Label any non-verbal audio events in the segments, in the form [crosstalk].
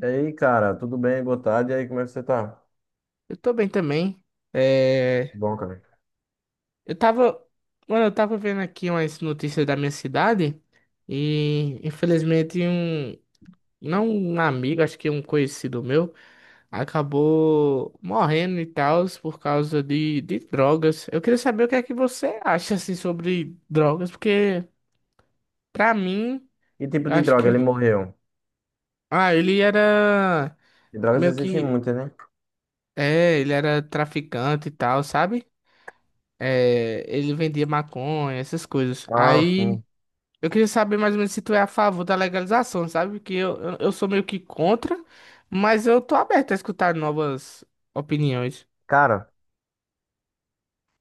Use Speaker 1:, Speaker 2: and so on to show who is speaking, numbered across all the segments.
Speaker 1: E aí, cara, tudo bem? Boa tarde. E aí, como é que você tá?
Speaker 2: Eu tô bem também. É,
Speaker 1: Bom, cara.
Speaker 2: eu tava, mano, eu tava vendo aqui umas notícias da minha cidade e infelizmente não um amigo, acho que um conhecido meu, acabou morrendo e tal por causa de drogas. Eu queria saber o que é que você acha assim sobre drogas, porque pra mim,
Speaker 1: Que tipo de
Speaker 2: acho
Speaker 1: droga
Speaker 2: que
Speaker 1: ele morreu?
Speaker 2: ele era
Speaker 1: De drogas
Speaker 2: meio
Speaker 1: existem
Speaker 2: que
Speaker 1: muitas, né?
Speaker 2: ele era traficante e tal, sabe? É, ele vendia maconha, essas coisas.
Speaker 1: Ah,
Speaker 2: Aí
Speaker 1: sim.
Speaker 2: eu queria saber mais ou menos se tu é a favor da legalização, sabe? Que eu sou meio que contra, mas eu tô aberto a escutar novas opiniões.
Speaker 1: Cara,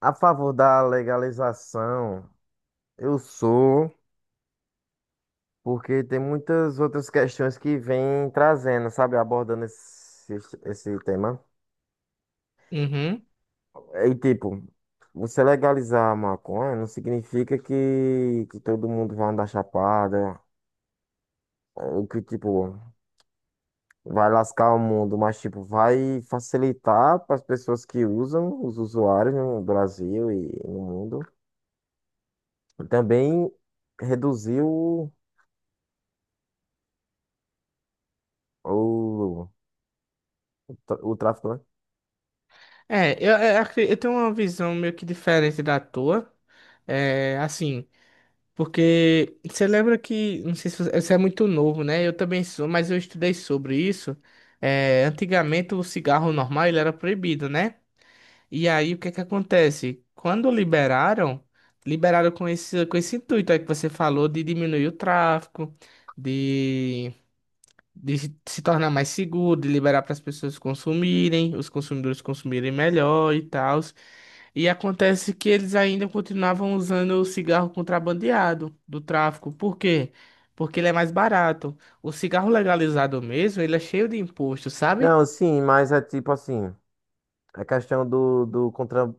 Speaker 1: a favor da legalização, eu sou, porque tem muitas outras questões que vêm trazendo, sabe, abordando esse tema.
Speaker 2: Uhum.
Speaker 1: E tipo, você legalizar a maconha não significa que todo mundo vai andar chapada, ou que tipo, vai lascar o mundo, mas tipo, vai facilitar para as pessoas que usam, os usuários no Brasil e no mundo. E também reduzir o, o tráfico, né?
Speaker 2: Eu tenho uma visão meio que diferente da tua. É, assim, porque você lembra que, não sei se você, você é muito novo, né? Eu também sou, mas eu estudei sobre isso. É, antigamente o cigarro normal ele era proibido, né? E aí, o que é que acontece? Quando liberaram, liberaram com esse intuito aí que você falou de diminuir o tráfico, de, de se tornar mais seguro, de liberar para as pessoas consumirem, os consumidores consumirem melhor e tal. E acontece que eles ainda continuavam usando o cigarro contrabandeado do tráfico. Por quê? Porque ele é mais barato. O cigarro legalizado mesmo, ele é cheio de imposto, sabe?
Speaker 1: Não, sim, mas é tipo assim, a questão do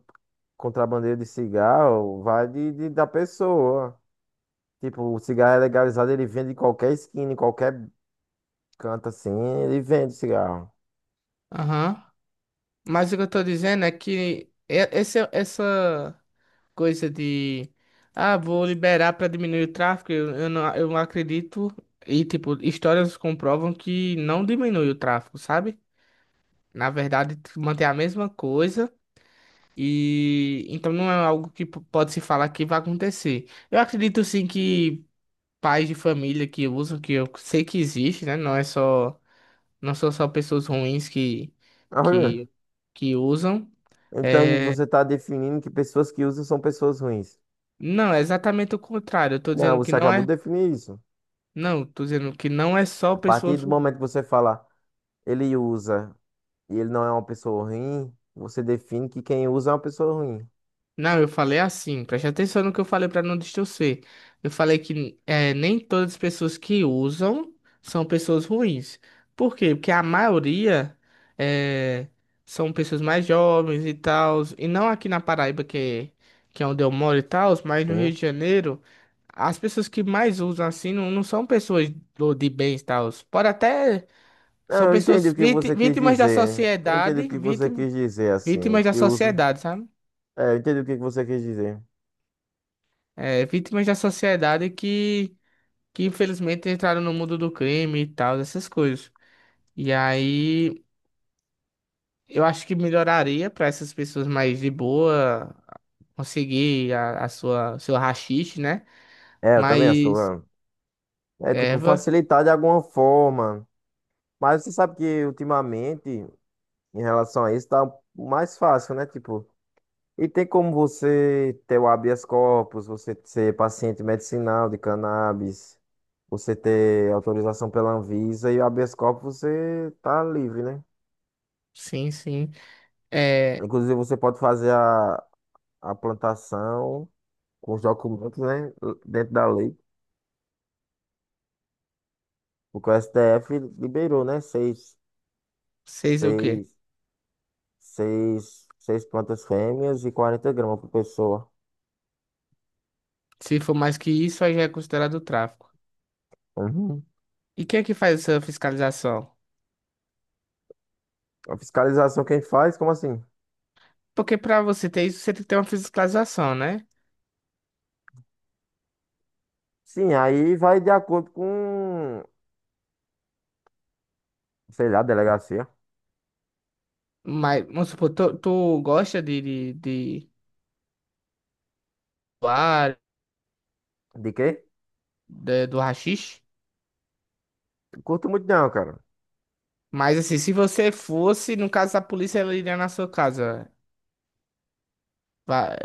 Speaker 1: contrabandeiro de cigarro vai da pessoa. Tipo, o cigarro é legalizado, ele vende em qualquer esquina, em qualquer canto assim, ele vende cigarro.
Speaker 2: Aham. Mas o que eu tô dizendo é que essa coisa de ah, vou liberar para diminuir o tráfego, eu não acredito. E, tipo, histórias comprovam que não diminui o tráfego, sabe? Na verdade, mantém a mesma coisa. E então não é algo que pode se falar que vai acontecer. Eu acredito sim que pais de família que usam, que eu sei que existe, né? Não são só pessoas ruins
Speaker 1: [laughs] Olha,
Speaker 2: que, que usam.
Speaker 1: então
Speaker 2: eh,
Speaker 1: você está definindo que pessoas que usam são pessoas ruins.
Speaker 2: Não, é exatamente o contrário. Eu tô
Speaker 1: Não,
Speaker 2: dizendo que
Speaker 1: você
Speaker 2: não
Speaker 1: acabou
Speaker 2: é.
Speaker 1: de definir isso.
Speaker 2: Não, tô dizendo que não é só
Speaker 1: A partir
Speaker 2: pessoas.
Speaker 1: do momento que você fala, ele usa e ele não é uma pessoa ruim, você define que quem usa é uma pessoa ruim.
Speaker 2: Não, eu falei assim. Preste atenção no que eu falei para não distorcer. Eu falei que é, nem todas as pessoas que usam são pessoas ruins. Por quê? Porque a maioria é, são pessoas mais jovens e tal. E não aqui na Paraíba, que é onde eu moro e tal, mas no
Speaker 1: Sim.
Speaker 2: Rio de Janeiro. As pessoas que mais usam assim não são pessoas de bens e tal. Pode até. São
Speaker 1: Não, eu entendi
Speaker 2: pessoas
Speaker 1: o que você quis
Speaker 2: vítimas da
Speaker 1: dizer. Eu entendi o
Speaker 2: sociedade,
Speaker 1: que você quis dizer, assim,
Speaker 2: vítimas da
Speaker 1: que uso.
Speaker 2: sociedade, sabe?
Speaker 1: É, eu entendi o que você quis dizer.
Speaker 2: É, vítimas da sociedade que infelizmente entraram no mundo do crime e tal, essas coisas. E aí eu acho que melhoraria para essas pessoas mais de boa conseguir a sua seu haxixe, né?
Speaker 1: É, eu também sou.
Speaker 2: Mas
Speaker 1: É, é, tipo,
Speaker 2: erva,
Speaker 1: facilitar de alguma forma. Mas você sabe que ultimamente, em relação a isso, tá mais fácil, né? Tipo. E tem como você ter o habeas corpus, você ser paciente medicinal de cannabis, você ter autorização pela Anvisa e o habeas corpus você tá livre, né?
Speaker 2: sim, sim. É,
Speaker 1: Inclusive você pode fazer a plantação com os documentos, né? Dentro da lei. Porque o STF liberou, né?
Speaker 2: seis o quê?
Speaker 1: Seis, seis plantas fêmeas e 40 gramas por pessoa.
Speaker 2: Se for mais que isso, aí já é considerado tráfico.
Speaker 1: Uhum.
Speaker 2: E quem é que faz essa fiscalização?
Speaker 1: A fiscalização quem faz, como assim?
Speaker 2: Porque pra você ter isso, você tem que ter uma fiscalização, né?
Speaker 1: Sim, aí vai de acordo com sei lá, delegacia.
Speaker 2: Mas, vamos supor, tu gosta de doar,
Speaker 1: De quê?
Speaker 2: do haxixe?
Speaker 1: Curto muito não, cara.
Speaker 2: Mas assim, se você fosse, no caso, a polícia ela iria na sua casa. Vai,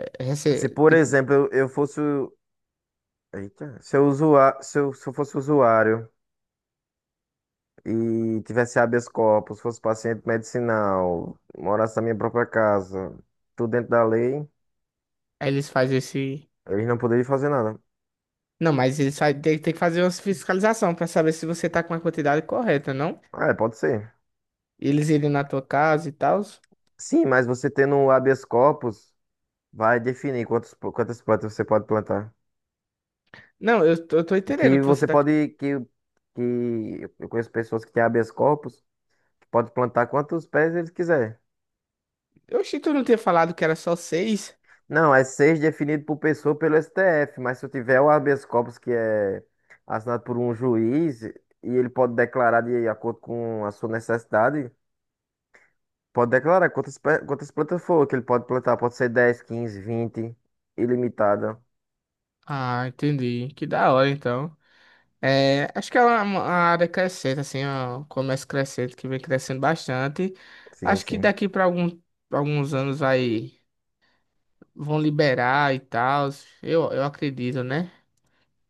Speaker 1: Se, por
Speaker 2: tipo,
Speaker 1: exemplo, eu fosse. Eita, se eu, usua, se eu, se eu fosse usuário e tivesse habeas corpus, fosse paciente medicinal, morasse na minha própria casa, tudo dentro da lei,
Speaker 2: aí eles fazem esse.
Speaker 1: eles não poderiam fazer nada.
Speaker 2: Não, mas eles tem que fazer uma fiscalização pra saber se você tá com a quantidade correta, não?
Speaker 1: Ah, é, pode ser.
Speaker 2: Eles irem na tua casa e tal.
Speaker 1: Sim, mas você tendo um habeas corpus, vai definir quantos, quantas plantas você pode plantar.
Speaker 2: Não, eu tô entendendo
Speaker 1: Que
Speaker 2: o que você
Speaker 1: você
Speaker 2: tá.
Speaker 1: pode. Que eu conheço pessoas que têm habeas corpus, que pode plantar quantos pés eles quiser.
Speaker 2: Eu achei que tu não tinha falado que era só seis.
Speaker 1: Não, é seis definido por pessoa pelo STF, mas se eu tiver o habeas corpus que é assinado por um juiz e ele pode declarar de acordo com a sua necessidade, pode declarar quantas plantas for, que ele pode plantar, pode ser 10, 15, 20, ilimitada.
Speaker 2: Ah, entendi. Que da hora, então. É, acho que é uma área crescente, assim, ó, um comércio crescente que vem crescendo bastante.
Speaker 1: Sim,
Speaker 2: Acho que
Speaker 1: sim.
Speaker 2: daqui para alguns anos vai, vão liberar e tal, eu acredito, né?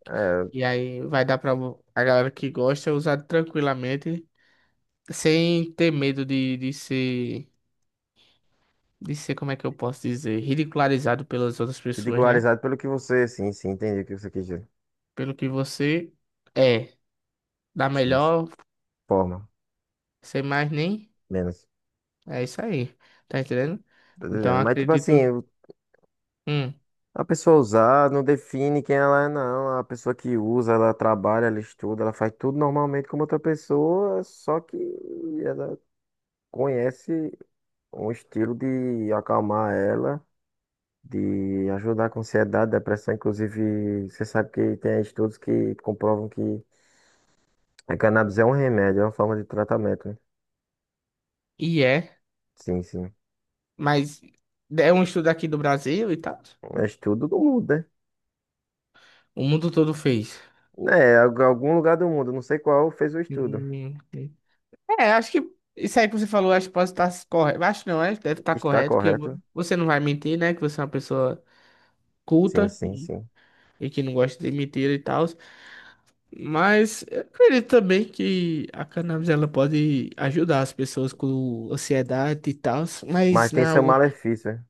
Speaker 1: É,
Speaker 2: E aí vai dar para a galera que gosta usar tranquilamente, sem ter medo de ser, como é que eu posso dizer, ridicularizado pelas outras pessoas, né?
Speaker 1: ridicularizado pelo que você, sim, sim, entendi o que você quis dizer.
Speaker 2: Pelo que você é, dá
Speaker 1: Sim, sim,
Speaker 2: melhor,
Speaker 1: forma,
Speaker 2: sem mais nem,
Speaker 1: menos.
Speaker 2: é isso aí, tá entendendo?
Speaker 1: Tô
Speaker 2: Então
Speaker 1: dizendo. Mas tipo
Speaker 2: acredito.
Speaker 1: assim,
Speaker 2: Hum,
Speaker 1: a pessoa usar não define quem ela é, não. A pessoa que usa, ela trabalha, ela estuda, ela faz tudo normalmente como outra pessoa, só que ela conhece um estilo de acalmar ela, de ajudar com ansiedade, depressão. Inclusive, você sabe que tem estudos que comprovam que a cannabis é um remédio, é uma forma de tratamento, né?
Speaker 2: e é,
Speaker 1: Sim, sim.
Speaker 2: mas é um estudo aqui do Brasil e tal.
Speaker 1: É estudo do mundo,
Speaker 2: O mundo todo fez.
Speaker 1: né? É, algum lugar do mundo, não sei qual, fez o estudo.
Speaker 2: Hum, É, acho que isso aí que você falou, acho que pode estar correto. Acho não, acho que deve estar
Speaker 1: Está
Speaker 2: correto, que
Speaker 1: correto?
Speaker 2: você não vai mentir, né? Que você é uma pessoa
Speaker 1: Sim,
Speaker 2: culta
Speaker 1: sim, sim.
Speaker 2: e que não gosta de mentira e tal. Mas eu acredito também que a cannabis ela pode ajudar as pessoas com ansiedade e tal,
Speaker 1: Mas
Speaker 2: mas não
Speaker 1: tem
Speaker 2: é
Speaker 1: seu
Speaker 2: algo.
Speaker 1: malefício, né?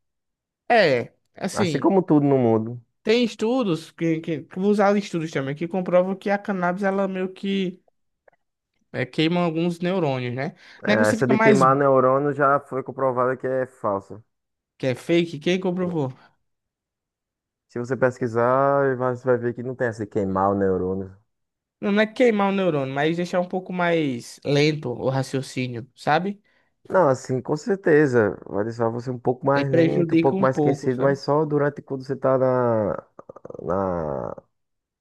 Speaker 2: É,
Speaker 1: Assim
Speaker 2: assim.
Speaker 1: como tudo no mundo.
Speaker 2: Tem estudos que vou usar estudos também que comprovam que a cannabis ela meio que queima alguns neurônios, né? Não é que
Speaker 1: É,
Speaker 2: você
Speaker 1: essa
Speaker 2: fica
Speaker 1: de
Speaker 2: mais
Speaker 1: queimar neurônio já foi comprovada que é falsa.
Speaker 2: que é fake, quem
Speaker 1: Sim.
Speaker 2: comprovou?
Speaker 1: Se você pesquisar, você vai ver que não tem essa de queimar o neurônio.
Speaker 2: Não, não é queimar o neurônio, mas deixar um pouco mais lento o raciocínio, sabe?
Speaker 1: Não, assim, com certeza. Vai deixar você um pouco
Speaker 2: Aí
Speaker 1: mais lento, um
Speaker 2: prejudica
Speaker 1: pouco
Speaker 2: um
Speaker 1: mais
Speaker 2: pouco,
Speaker 1: esquecido, mas
Speaker 2: sabe?
Speaker 1: só durante quando você tá na,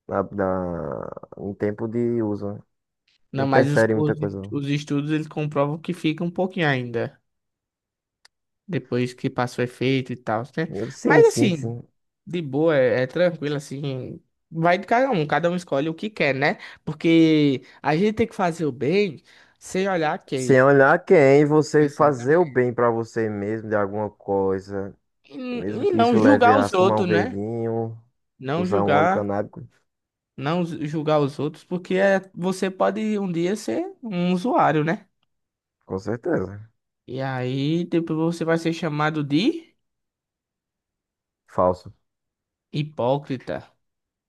Speaker 1: na, na- em tempo de uso, né? Não
Speaker 2: Não, mas
Speaker 1: interfere em muita coisa, não.
Speaker 2: os estudos eles comprovam que fica um pouquinho ainda depois que passa o efeito e tal, né?
Speaker 1: Sim,
Speaker 2: Mas
Speaker 1: sim,
Speaker 2: assim,
Speaker 1: sim.
Speaker 2: de boa, é tranquilo, assim. Vai de cada um escolhe o que quer, né? Porque a gente tem que fazer o bem sem olhar
Speaker 1: Sem
Speaker 2: quem.
Speaker 1: olhar quem, você fazer o
Speaker 2: Exatamente.
Speaker 1: bem pra você mesmo de alguma coisa. Mesmo
Speaker 2: E
Speaker 1: que
Speaker 2: não
Speaker 1: isso leve
Speaker 2: julgar
Speaker 1: a
Speaker 2: os
Speaker 1: fumar um
Speaker 2: outros, né?
Speaker 1: verdinho,
Speaker 2: Não
Speaker 1: usar um óleo
Speaker 2: julgar,
Speaker 1: canábico,
Speaker 2: não ju- julgar os outros, porque é, você pode um dia ser um usuário, né?
Speaker 1: com certeza.
Speaker 2: E aí depois você vai ser chamado de
Speaker 1: Falso.
Speaker 2: hipócrita.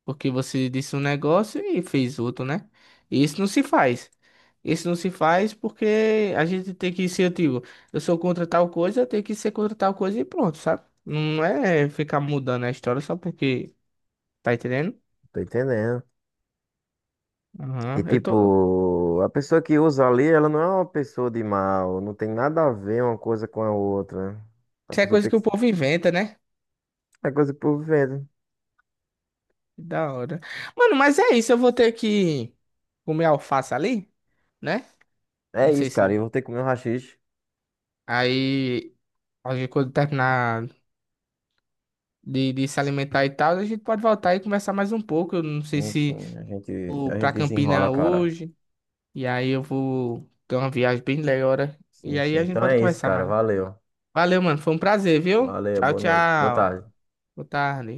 Speaker 2: Porque você disse um negócio e fez outro, né? E isso não se faz. Isso não se faz porque a gente tem que ser, eu digo, eu sou contra tal coisa, eu tenho que ser contra tal coisa e pronto, sabe? Não é ficar mudando a história só porque, tá entendendo?
Speaker 1: Tô entendendo. E
Speaker 2: Aham, eu tô...
Speaker 1: tipo, a pessoa que usa ali, ela não é uma pessoa de mal, não tem nada a ver uma coisa com a outra. A
Speaker 2: Isso é
Speaker 1: pessoa
Speaker 2: coisa
Speaker 1: tem
Speaker 2: que
Speaker 1: que.
Speaker 2: o povo inventa, né?
Speaker 1: É coisa por vendo.
Speaker 2: Que da hora. Mano, mas é isso, eu vou ter que comer alface ali, né?
Speaker 1: É
Speaker 2: Não
Speaker 1: isso,
Speaker 2: sei
Speaker 1: cara.
Speaker 2: se...
Speaker 1: Eu vou ter que comer um haxixe.
Speaker 2: Aí, a gente, quando terminar de se alimentar e tal, a gente pode voltar e conversar mais um pouco. Eu não sei
Speaker 1: Sim,
Speaker 2: se
Speaker 1: sim. A gente,
Speaker 2: vou
Speaker 1: a gente
Speaker 2: pra
Speaker 1: desenrola,
Speaker 2: Campina
Speaker 1: cara.
Speaker 2: hoje, e aí eu vou ter uma viagem bem legal, hora, e
Speaker 1: Sim, sim.
Speaker 2: aí a gente
Speaker 1: Então
Speaker 2: pode
Speaker 1: é isso,
Speaker 2: conversar
Speaker 1: cara.
Speaker 2: mais.
Speaker 1: Valeu.
Speaker 2: Valeu, mano, foi um prazer, viu?
Speaker 1: Valeu,
Speaker 2: Tchau,
Speaker 1: boa noite. Boa
Speaker 2: tchau.
Speaker 1: tarde.
Speaker 2: Boa tarde.